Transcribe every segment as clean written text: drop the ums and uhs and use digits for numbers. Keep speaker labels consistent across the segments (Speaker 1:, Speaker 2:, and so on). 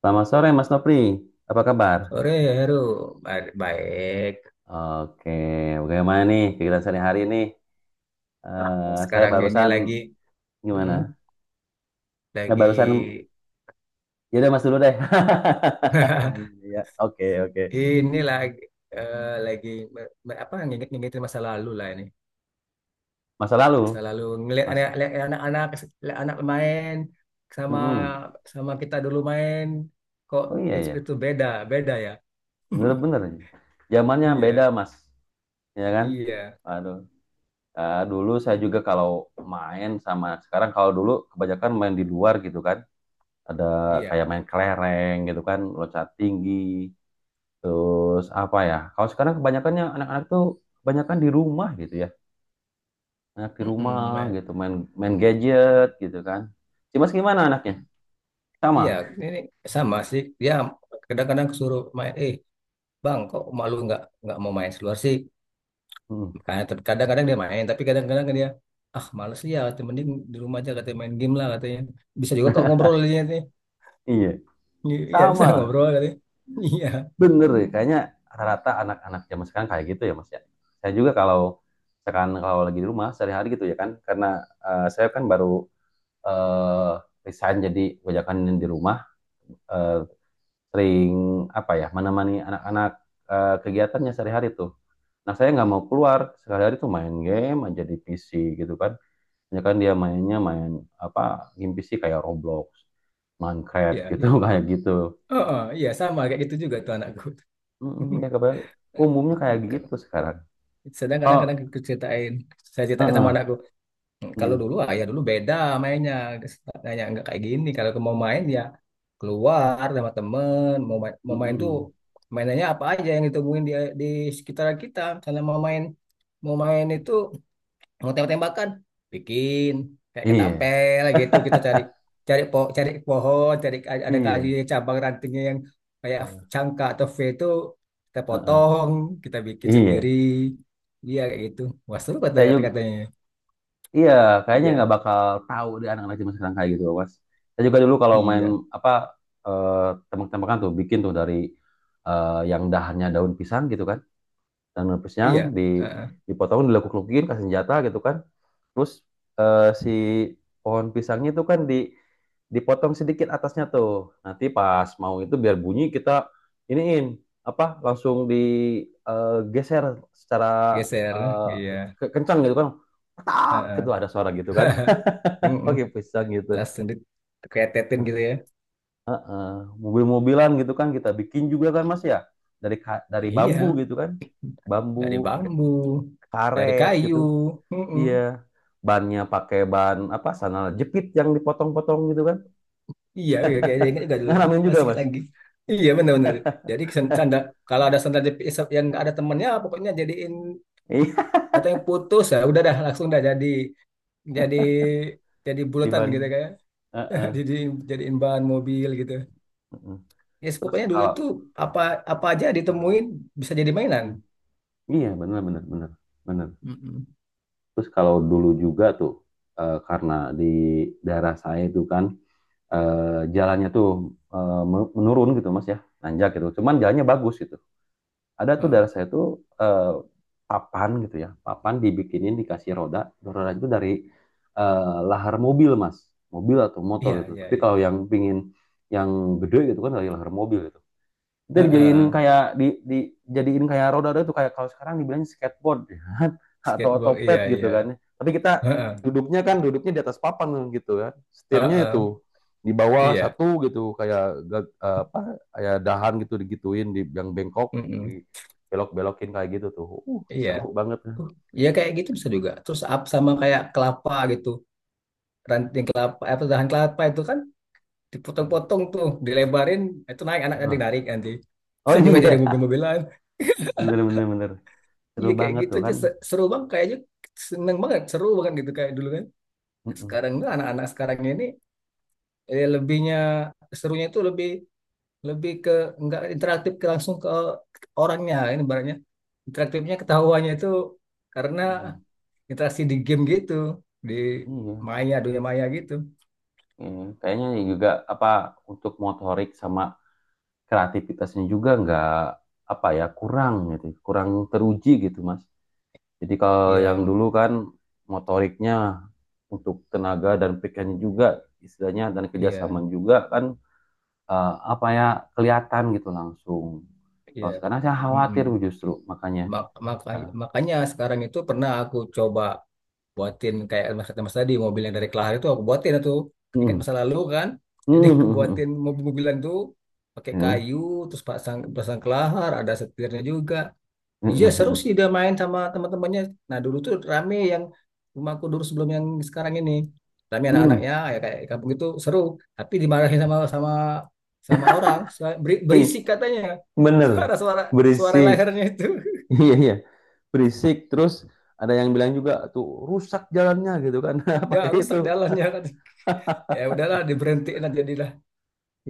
Speaker 1: Selamat sore Mas Nopri, apa kabar?
Speaker 2: Sore ya Heru, baik.
Speaker 1: Oke, bagaimana nih kegiatan sehari-hari nih?
Speaker 2: Ah,
Speaker 1: Saya
Speaker 2: sekarang ini
Speaker 1: barusan gimana?
Speaker 2: mm,
Speaker 1: Saya
Speaker 2: lagi,
Speaker 1: barusan, ya udah Mas dulu deh. Ya, oke oke.
Speaker 2: ini lagi, lagi apa nginget-ngingetin masa lalu lah ini.
Speaker 1: Masa
Speaker 2: Masa
Speaker 1: lalu,
Speaker 2: lalu
Speaker 1: Mas.
Speaker 2: lihat anak-anak, lihat anak main sama
Speaker 1: Mm-mm.
Speaker 2: sama kita dulu main, kok
Speaker 1: Oh iya ya,
Speaker 2: itu beda, beda ya.
Speaker 1: bener-bener. Zamannya beda
Speaker 2: Iya,
Speaker 1: Mas, ya kan?
Speaker 2: iya,
Speaker 1: Aduh, dulu saya juga kalau main sama sekarang kalau dulu kebanyakan main di luar gitu kan. Ada kayak
Speaker 2: iya.
Speaker 1: main kelereng gitu kan, loncat tinggi. Terus apa ya? Kalau sekarang kebanyakannya anak-anak tuh kebanyakan di rumah gitu ya. Anak di rumah
Speaker 2: Mm-mm, ma-
Speaker 1: gitu main main gadget gitu kan. Cimas gimana anaknya? Sama.
Speaker 2: Iya, ini sama sih. Dia kadang-kadang suruh main, eh Bang, kok malu nggak mau main keluar sih?
Speaker 1: Hmm,
Speaker 2: Makanya ter- kadang-kadang dia main, tapi kadang-kadang dia ah males ya, katanya, mending di rumah aja katanya main game lah katanya. Bisa juga kok ngobrol dia nih.
Speaker 1: iya,
Speaker 2: Iya bisa
Speaker 1: sama.
Speaker 2: ngobrol katanya. Iya,
Speaker 1: Bener ya. Kayaknya rata-rata anak-anak zaman sekarang kayak gitu ya Mas ya. Saya juga kalau sekarang kalau lagi di rumah sehari-hari gitu ya kan, karena saya kan baru eh resign, jadi kebanyakan di rumah, eh, sering apa ya menemani anak-anak, kegiatannya sehari-hari tuh. Nah, saya nggak mau keluar. Sehari-hari tuh main game aja di PC gitu kan. Ya kan dia mainnya main apa game PC kayak Roblox, Minecraft
Speaker 2: iya,
Speaker 1: gitu
Speaker 2: iya.
Speaker 1: kayak gitu.
Speaker 2: Oh, oh, iya sama kayak gitu juga tuh anakku.
Speaker 1: Mm, ya kebanyakan umumnya kayak gitu
Speaker 2: Kadang-
Speaker 1: sekarang.
Speaker 2: Sedang
Speaker 1: Oh,
Speaker 2: kadang-kadang aku ceritain, saya ceritain sama
Speaker 1: heeh.
Speaker 2: anakku. Hmm, kalau
Speaker 1: Mm,
Speaker 2: dulu ayah dulu beda mainnya, tanya nggak kayak gini. Kalau mau main ya keluar sama temen,
Speaker 1: mm,
Speaker 2: mau main tuh
Speaker 1: mm.
Speaker 2: mainannya apa aja yang ditemuin di sekitar kita. Misalnya mau main itu mau tembak-tembakan, bikin kayak
Speaker 1: Iya,
Speaker 2: ketapel gitu kita cari cari po cari pohon, cari ada kayu
Speaker 1: iya.
Speaker 2: cabang rantingnya yang kayak cangka atau V itu kita
Speaker 1: Heeh.
Speaker 2: potong, kita bikin
Speaker 1: Iya.
Speaker 2: sendiri. Iya kayak gitu. Wah seru
Speaker 1: Saya juga
Speaker 2: kata-katanya.
Speaker 1: iya, kayaknya
Speaker 2: Iya.
Speaker 1: nggak bakal tahu di anak-anak zaman sekarang kayak gitu, Mas. Saya juga dulu kalau main
Speaker 2: Iya.
Speaker 1: apa eh tembak-tembakan tuh bikin tuh dari yang dahannya daun pisang gitu kan. Dan tanam yang
Speaker 2: Iya, heeh.
Speaker 1: dipotong dilekuk-lekukin kasih senjata gitu kan, terus si pohon pisangnya itu kan di dipotong sedikit atasnya tuh, nanti pas mau itu biar bunyi kita iniin apa langsung digeser, secara
Speaker 2: Geser, iya.
Speaker 1: eh, kencang gitu kan, tak
Speaker 2: Heeh.
Speaker 1: gitu ada suara gitu kan.
Speaker 2: Mm-mm.
Speaker 1: Pakai pisang gitu.
Speaker 2: Langsung diketetin
Speaker 1: Nah,
Speaker 2: gitu ya.
Speaker 1: Eh, mobil-mobilan gitu kan kita bikin juga kan mas ya, dari bambu
Speaker 2: Iya,
Speaker 1: gitu kan, bambu
Speaker 2: dari bambu, dari
Speaker 1: karet gitu.
Speaker 2: kayu. Mm-mm.
Speaker 1: Iya, bannya pakai ban apa sandal jepit yang dipotong-potong gitu kan.
Speaker 2: Iya, iya, kayaknya ingat juga dulu.
Speaker 1: Ngalamin juga,
Speaker 2: Masih ingat
Speaker 1: Mas.
Speaker 2: lagi. Iya, benar-benar. Jadi sen- sandal, kalau ada sandal jepit yang nggak ada temennya, pokoknya jadiin
Speaker 1: Iya,
Speaker 2: atau yang putus ya, udah dah langsung dah jadi jadi
Speaker 1: di
Speaker 2: bulatan
Speaker 1: ban.
Speaker 2: gitu kayak.
Speaker 1: Heeh,
Speaker 2: Jadi jadiin bahan mobil gitu.
Speaker 1: heeh.
Speaker 2: Ya,
Speaker 1: Terus
Speaker 2: pokoknya dulu
Speaker 1: kalau
Speaker 2: tuh apa apa aja ditemuin bisa jadi mainan.
Speaker 1: Hmm. Iya, benar benar benar benar.
Speaker 2: Mm-mm.
Speaker 1: Terus kalau dulu juga tuh karena di daerah saya itu kan, eh, jalannya tuh eh, menurun gitu Mas ya, nanjak gitu. Cuman jalannya bagus gitu. Ada tuh daerah
Speaker 2: Heeh.
Speaker 1: saya tuh, eh, papan gitu ya. Papan dibikinin dikasih roda. Roda itu dari eh, lahar mobil, Mas. Mobil atau motor
Speaker 2: Iya,
Speaker 1: gitu.
Speaker 2: iya,
Speaker 1: Tapi kalau
Speaker 2: iya.
Speaker 1: yang pingin yang gede gitu kan dari lahar mobil gitu. Kita dijadiin
Speaker 2: Heeh.
Speaker 1: kayak dijadiin kayak roda-roda tuh, kayak kalau sekarang dibilang skateboard ya kan? Atau
Speaker 2: Skateboard,
Speaker 1: otopet
Speaker 2: iya,
Speaker 1: gitu
Speaker 2: iya.
Speaker 1: kan. Tapi kita
Speaker 2: Heeh.
Speaker 1: duduknya kan duduknya di atas papan gitu kan. Setirnya
Speaker 2: Heeh.
Speaker 1: itu di bawah
Speaker 2: Iya.
Speaker 1: satu gitu kayak apa, kayak dahan gitu digituin di yang bengkok,
Speaker 2: Mm-mm.
Speaker 1: di belok-belokin kayak gitu tuh.
Speaker 2: Iya.
Speaker 1: Seru banget.
Speaker 2: Uh, iya kayak gitu bisa juga. Terus up sama kayak kelapa gitu. Ranting kelapa, apa dahan kelapa itu kan dipotong-potong tuh, dilebarin, itu naik anak adik
Speaker 1: Nah.
Speaker 2: narik nanti.
Speaker 1: Oh
Speaker 2: Bisa juga
Speaker 1: iya,
Speaker 2: jadi mobil-mobilan.
Speaker 1: bener bener bener. Seru
Speaker 2: Iya kayak
Speaker 1: banget
Speaker 2: gitu
Speaker 1: tuh
Speaker 2: aja
Speaker 1: kan.
Speaker 2: se- seru banget kayaknya seneng banget, seru banget gitu kayak dulu kan. Nah,
Speaker 1: Mm-mm.
Speaker 2: sekarang enggak anak-anak sekarang ini lebihnya serunya itu lebih lebih ke nggak interaktif ke langsung ke orangnya ini barunya interaktifnya ketahuannya itu karena
Speaker 1: Mm-mm.
Speaker 2: interaksi di game gitu di
Speaker 1: Iya.
Speaker 2: maya dunia maya gitu
Speaker 1: Iya. Kayaknya juga apa untuk motorik sama kreativitasnya juga nggak apa ya, kurang gitu, kurang teruji gitu mas, jadi kalau yang
Speaker 2: iya
Speaker 1: dulu kan motoriknya, untuk tenaga dan pikirannya juga istilahnya, dan kerjasama
Speaker 2: iya
Speaker 1: juga kan, apa ya, kelihatan gitu langsung.
Speaker 2: iya
Speaker 1: Kalau sekarang saya
Speaker 2: mm-mm.
Speaker 1: khawatir justru makanya
Speaker 2: Mak- maka-
Speaker 1: ya.
Speaker 2: makanya sekarang itu pernah aku coba buatin kayak mas, mas tadi mobil yang dari Kelahar itu aku buatin itu ingat
Speaker 1: Hmm.
Speaker 2: masa lalu kan jadi aku
Speaker 1: Hmm. Hmm.
Speaker 2: buatin mobil-mobilan tuh pakai
Speaker 1: Hmm.
Speaker 2: kayu terus pasang pasang kelahar ada setirnya juga.
Speaker 1: Hmm.
Speaker 2: Iya seru
Speaker 1: Hmm.
Speaker 2: sih dia main sama teman-temannya. Nah dulu tuh rame yang rumahku dulu sebelum yang sekarang ini. Rame anak-anaknya
Speaker 1: Hmm.
Speaker 2: ya ya kayak di kampung itu seru. Tapi dimarahin sama sama sama orang Suara- beri-
Speaker 1: Ih,
Speaker 2: berisik katanya.
Speaker 1: bener
Speaker 2: Suara-suara suara
Speaker 1: berisik.
Speaker 2: lehernya itu
Speaker 1: Iya iya, berisik, terus ada yang bilang juga tuh rusak jalannya gitu kan
Speaker 2: ya
Speaker 1: pakai itu.
Speaker 2: rusak jalannya katanya. Ya udahlah diberhentiin aja jadilah.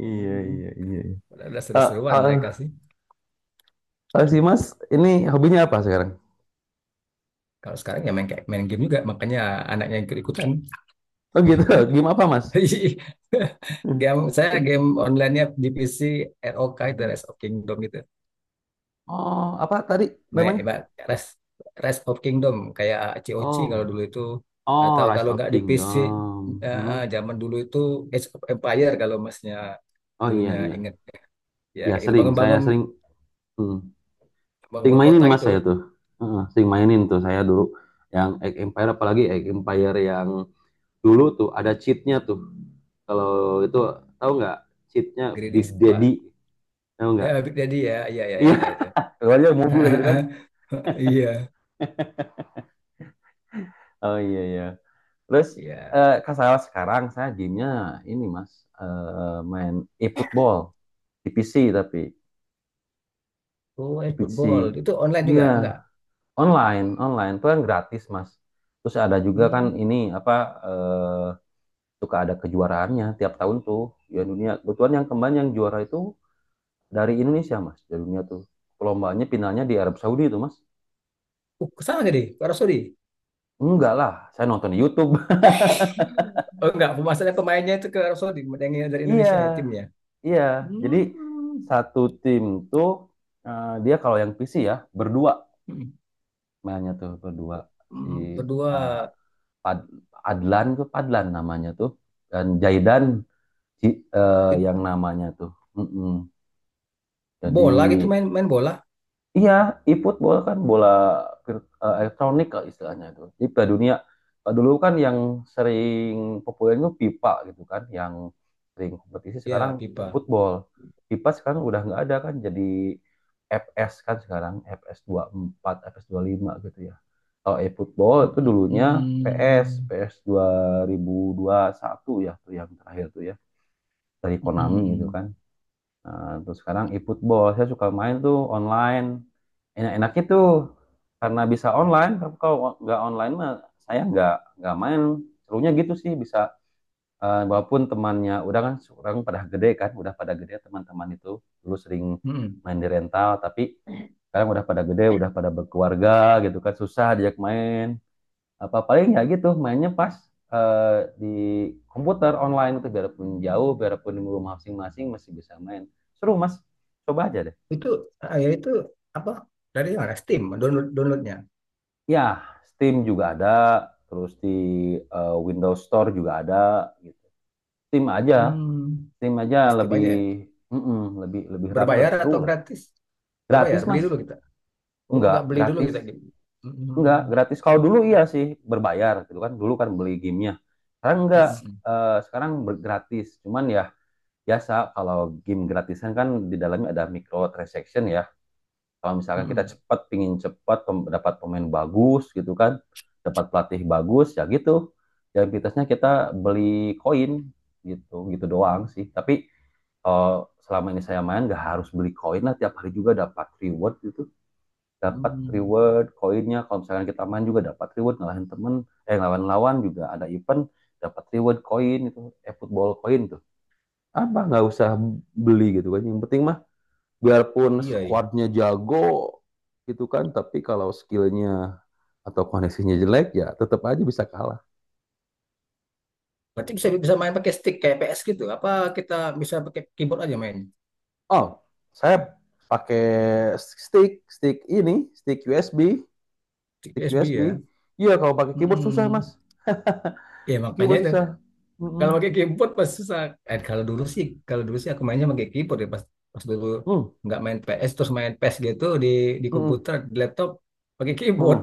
Speaker 1: Iya
Speaker 2: Hmm,
Speaker 1: iya iya. Iya.
Speaker 2: udah
Speaker 1: Eh,
Speaker 2: seru-seruan
Speaker 1: Kalau
Speaker 2: mereka sih.
Speaker 1: kalau si Mas ini hobinya apa sekarang?
Speaker 2: Kalau sekarang ya main kayak main game juga makanya anaknya yang ikut-ikutan.
Speaker 1: Oh gitu. Game apa Mas? Hmm.
Speaker 2: Game saya game online-nya di PC ROK itu Rise of Kingdom itu.
Speaker 1: Oh apa tadi
Speaker 2: Baik,
Speaker 1: namanya?
Speaker 2: baik. Rise, Rise of Kingdom kayak c o c kalau
Speaker 1: Oh,
Speaker 2: dulu itu
Speaker 1: oh
Speaker 2: atau
Speaker 1: Rise
Speaker 2: kalau
Speaker 1: of
Speaker 2: nggak di PC
Speaker 1: Kingdom. Hmm.
Speaker 2: zaman dulu itu Age of Empire kalau masnya
Speaker 1: Oh iya
Speaker 2: dulunya
Speaker 1: iya.
Speaker 2: inget ya
Speaker 1: Ya
Speaker 2: kayak gitu
Speaker 1: sering, saya
Speaker 2: bangun-bangun
Speaker 1: sering hmm. Sering
Speaker 2: bangun
Speaker 1: mainin
Speaker 2: kota
Speaker 1: Mas
Speaker 2: gitu
Speaker 1: saya tuh. Heeh, sering mainin tuh saya dulu yang Age Empire, apalagi Age Empire yang dulu tuh ada cheatnya tuh, kalau itu tahu nggak cheatnya, Big
Speaker 2: Gridis
Speaker 1: Daddy
Speaker 2: wah
Speaker 1: tahu nggak,
Speaker 2: ya Big Daddy ya ya iya ya,
Speaker 1: iya,
Speaker 2: ada itu
Speaker 1: keluarnya mobil gitu kan.
Speaker 2: iya
Speaker 1: Oh iya iya, terus
Speaker 2: iya
Speaker 1: kalau sekarang saya gamenya ini mas, main e-football di PC tapi,
Speaker 2: oh
Speaker 1: di
Speaker 2: eh,
Speaker 1: PC
Speaker 2: football itu online juga
Speaker 1: iya,
Speaker 2: enggak
Speaker 1: online, online itu kan gratis mas. Terus ada juga kan
Speaker 2: hmm
Speaker 1: ini apa, eh, suka ada kejuaraannya tiap tahun tuh ya dunia, kebetulan yang kemarin yang juara itu dari Indonesia mas, dari dunia tuh, lombanya finalnya di Arab Saudi itu mas.
Speaker 2: ke sana jadi ke Arab Saudi
Speaker 1: Enggak lah, saya nonton di YouTube.
Speaker 2: oh enggak maksudnya pemainnya itu ke Arab Saudi yang dari
Speaker 1: Iya,
Speaker 2: Indonesia ya timnya
Speaker 1: iya. Jadi
Speaker 2: hmm.
Speaker 1: satu tim tuh, dia kalau yang PC ya berdua,
Speaker 2: Hmm,
Speaker 1: mainnya tuh berdua. si
Speaker 2: hmm. Berdua
Speaker 1: eh, Pad- Adlan tuh, Padlan namanya tuh, dan Jaidan,
Speaker 2: it-
Speaker 1: yang namanya tuh. Mm-mm. Jadi
Speaker 2: bola gitu main main bola
Speaker 1: iya, e-football kan bola elektronik lah istilahnya itu. Jadi Piala Dunia, dulu kan yang sering populer itu FIFA gitu kan, yang sering kompetisi sekarang
Speaker 2: ya pipa.
Speaker 1: e-football. FIFA sekarang udah nggak ada kan, jadi FS kan sekarang, FS 24, FS5 gitu ya. Kalau e-football itu dulunya PS,
Speaker 2: Mm-mm.
Speaker 1: PS satu ya tuh yang terakhir tuh ya, dari Konami gitu
Speaker 2: Mm-mm.
Speaker 1: kan. Nah, terus sekarang e-football, saya suka main tuh online. Enak-enaknya tuh karena bisa online. Kalau nggak online mah saya nggak main. Serunya gitu sih bisa. Walaupun temannya udah kan orang pada gede kan, udah pada gede teman-teman itu dulu sering
Speaker 2: Mm-mm.
Speaker 1: main di rental, tapi sekarang udah pada gede, udah pada berkeluarga gitu kan, susah diajak main apa, paling ya gitu mainnya pas eh, di komputer online itu, biarpun jauh biarpun di rumah masing-masing masih bisa main, seru mas, coba aja deh.
Speaker 2: Itu ah, ya itu apa dari mana Steam download downloadnya
Speaker 1: Ya Steam juga ada, terus di Windows Store juga ada gitu. Steam aja,
Speaker 2: hmm,
Speaker 1: Steam aja
Speaker 2: Steam
Speaker 1: lebih,
Speaker 2: aja ya.
Speaker 1: mm-mm, lebih ramai,
Speaker 2: Berbayar
Speaker 1: lebih
Speaker 2: atau
Speaker 1: seru lah.
Speaker 2: gratis
Speaker 1: Gratis
Speaker 2: berbayar beli
Speaker 1: mas.
Speaker 2: dulu kita oh
Speaker 1: Enggak
Speaker 2: nggak beli dulu
Speaker 1: gratis,
Speaker 2: kita gitu
Speaker 1: enggak gratis. Kalau dulu iya sih, berbayar gitu kan, dulu kan beli gamenya, sekarang enggak. Sekarang gratis, cuman ya biasa kalau game gratisan kan di dalamnya ada microtransaction ya. Kalau misalkan kita cepat, pingin cepat dapat pemain bagus gitu kan, dapat pelatih bagus ya gitu. Ya aktivitasnya kita beli koin gitu, gitu doang sih. Tapi eh, selama ini saya main nggak harus beli koin lah, tiap hari juga dapat reward gitu. Dapat reward koinnya kalau misalkan kita main, juga dapat reward ngalahin temen, lawan-lawan, juga ada event dapat reward koin itu, football koin, apa nggak usah beli gitu kan, yang penting mah biarpun
Speaker 2: iya iya
Speaker 1: squadnya jago gitu kan, tapi kalau skillnya atau koneksinya jelek ya tetap aja bisa kalah.
Speaker 2: berarti bisa bisa main pakai stick kayak PS gitu apa kita bisa pakai keyboard aja main
Speaker 1: Oh saya pakai stick stick ini, stick USB,
Speaker 2: stick
Speaker 1: stick
Speaker 2: USB
Speaker 1: USB
Speaker 2: ya.
Speaker 1: Iya kalau pakai keyboard susah mas,
Speaker 2: Mm-mm. Ya makanya
Speaker 1: keyboard
Speaker 2: itu
Speaker 1: susah.
Speaker 2: kalau
Speaker 1: Mm-mm.
Speaker 2: pakai keyboard pas susah. Kalau dulu sih, kalau dulu sih aku mainnya pakai keyboard ya pas pas dulu
Speaker 1: Mm.
Speaker 2: nggak main PS terus main PS gitu di
Speaker 1: Mm-mm.
Speaker 2: komputer, di laptop pakai
Speaker 1: Mm.
Speaker 2: keyboard.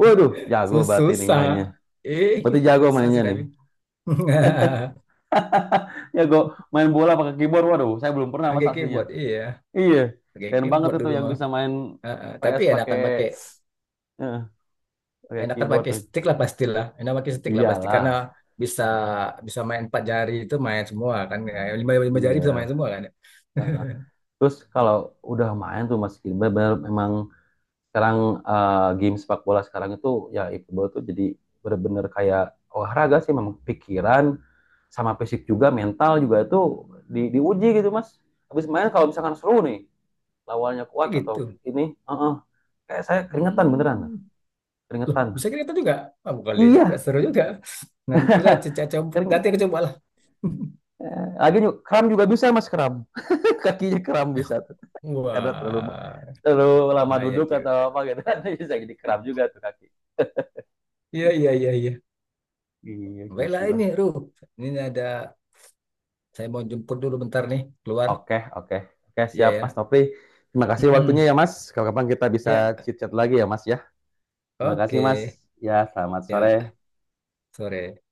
Speaker 1: Waduh, jago
Speaker 2: Sus-
Speaker 1: berarti nih
Speaker 2: susah.
Speaker 1: mainnya,
Speaker 2: Eh,
Speaker 1: berarti jago
Speaker 2: susah
Speaker 1: mainnya
Speaker 2: sih
Speaker 1: nih.
Speaker 2: tapi.
Speaker 1: Jago main bola pakai keyboard, waduh saya belum pernah mas
Speaker 2: Pakai
Speaker 1: aslinya.
Speaker 2: keyboard, iya.
Speaker 1: Iya,
Speaker 2: Pakai
Speaker 1: keren banget
Speaker 2: keyboard
Speaker 1: itu
Speaker 2: dulu
Speaker 1: yang
Speaker 2: mah.
Speaker 1: bisa main
Speaker 2: Ah, ah. Tapi
Speaker 1: PS pakai eh, pakai
Speaker 2: enakan
Speaker 1: keyboard
Speaker 2: pakai
Speaker 1: tuh.
Speaker 2: stick lah pastilah. Enak pakai stick lah pasti karena
Speaker 1: Iyalah,
Speaker 2: bisa bisa main empat jari itu main semua kan. Eh, Lima lima jari bisa
Speaker 1: iya.
Speaker 2: main semua kan.
Speaker 1: Heeh. Terus kalau udah main tuh Mas Gilbert, bener memang sekarang, game sepak bola sekarang itu ya e-football tuh, jadi bener-bener kayak olahraga sih, memang pikiran sama fisik juga, mental juga itu diuji gitu Mas. Habis main kalau misalkan seru nih, lawannya
Speaker 2: Ya
Speaker 1: kuat atau
Speaker 2: gitu.
Speaker 1: ini, heeh. Kayak saya keringetan beneran,
Speaker 2: Hmm. Loh,
Speaker 1: keringetan.
Speaker 2: bisa kita juga. Ah, bukan dia juga,
Speaker 1: Iya,
Speaker 2: seru juga. Nantilah Cica coba,
Speaker 1: kering.
Speaker 2: nanti aku coba lah.
Speaker 1: Lagi kram juga bisa mas, kram. Kakinya kram bisa tuh. Karena terlalu
Speaker 2: Wah,
Speaker 1: terlalu lama
Speaker 2: bahaya
Speaker 1: duduk atau
Speaker 2: juga.
Speaker 1: apa gitu kan, bisa jadi kram juga tuh kaki.
Speaker 2: Iya, iya, iya, iya.
Speaker 1: Iya
Speaker 2: Baiklah
Speaker 1: gitulah.
Speaker 2: ini, Ruh. Ini ada, saya mau jemput dulu bentar nih, keluar.
Speaker 1: Oke oke oke,
Speaker 2: Iya
Speaker 1: siap Mas
Speaker 2: ya.
Speaker 1: Topri. Terima kasih waktunya
Speaker 2: Mm-mm.
Speaker 1: ya Mas. Kalau kapan kita bisa
Speaker 2: Ya,
Speaker 1: chit chat lagi ya Mas ya. Terima kasih Mas.
Speaker 2: oke.
Speaker 1: Ya selamat
Speaker 2: Ya,
Speaker 1: sore.
Speaker 2: sore.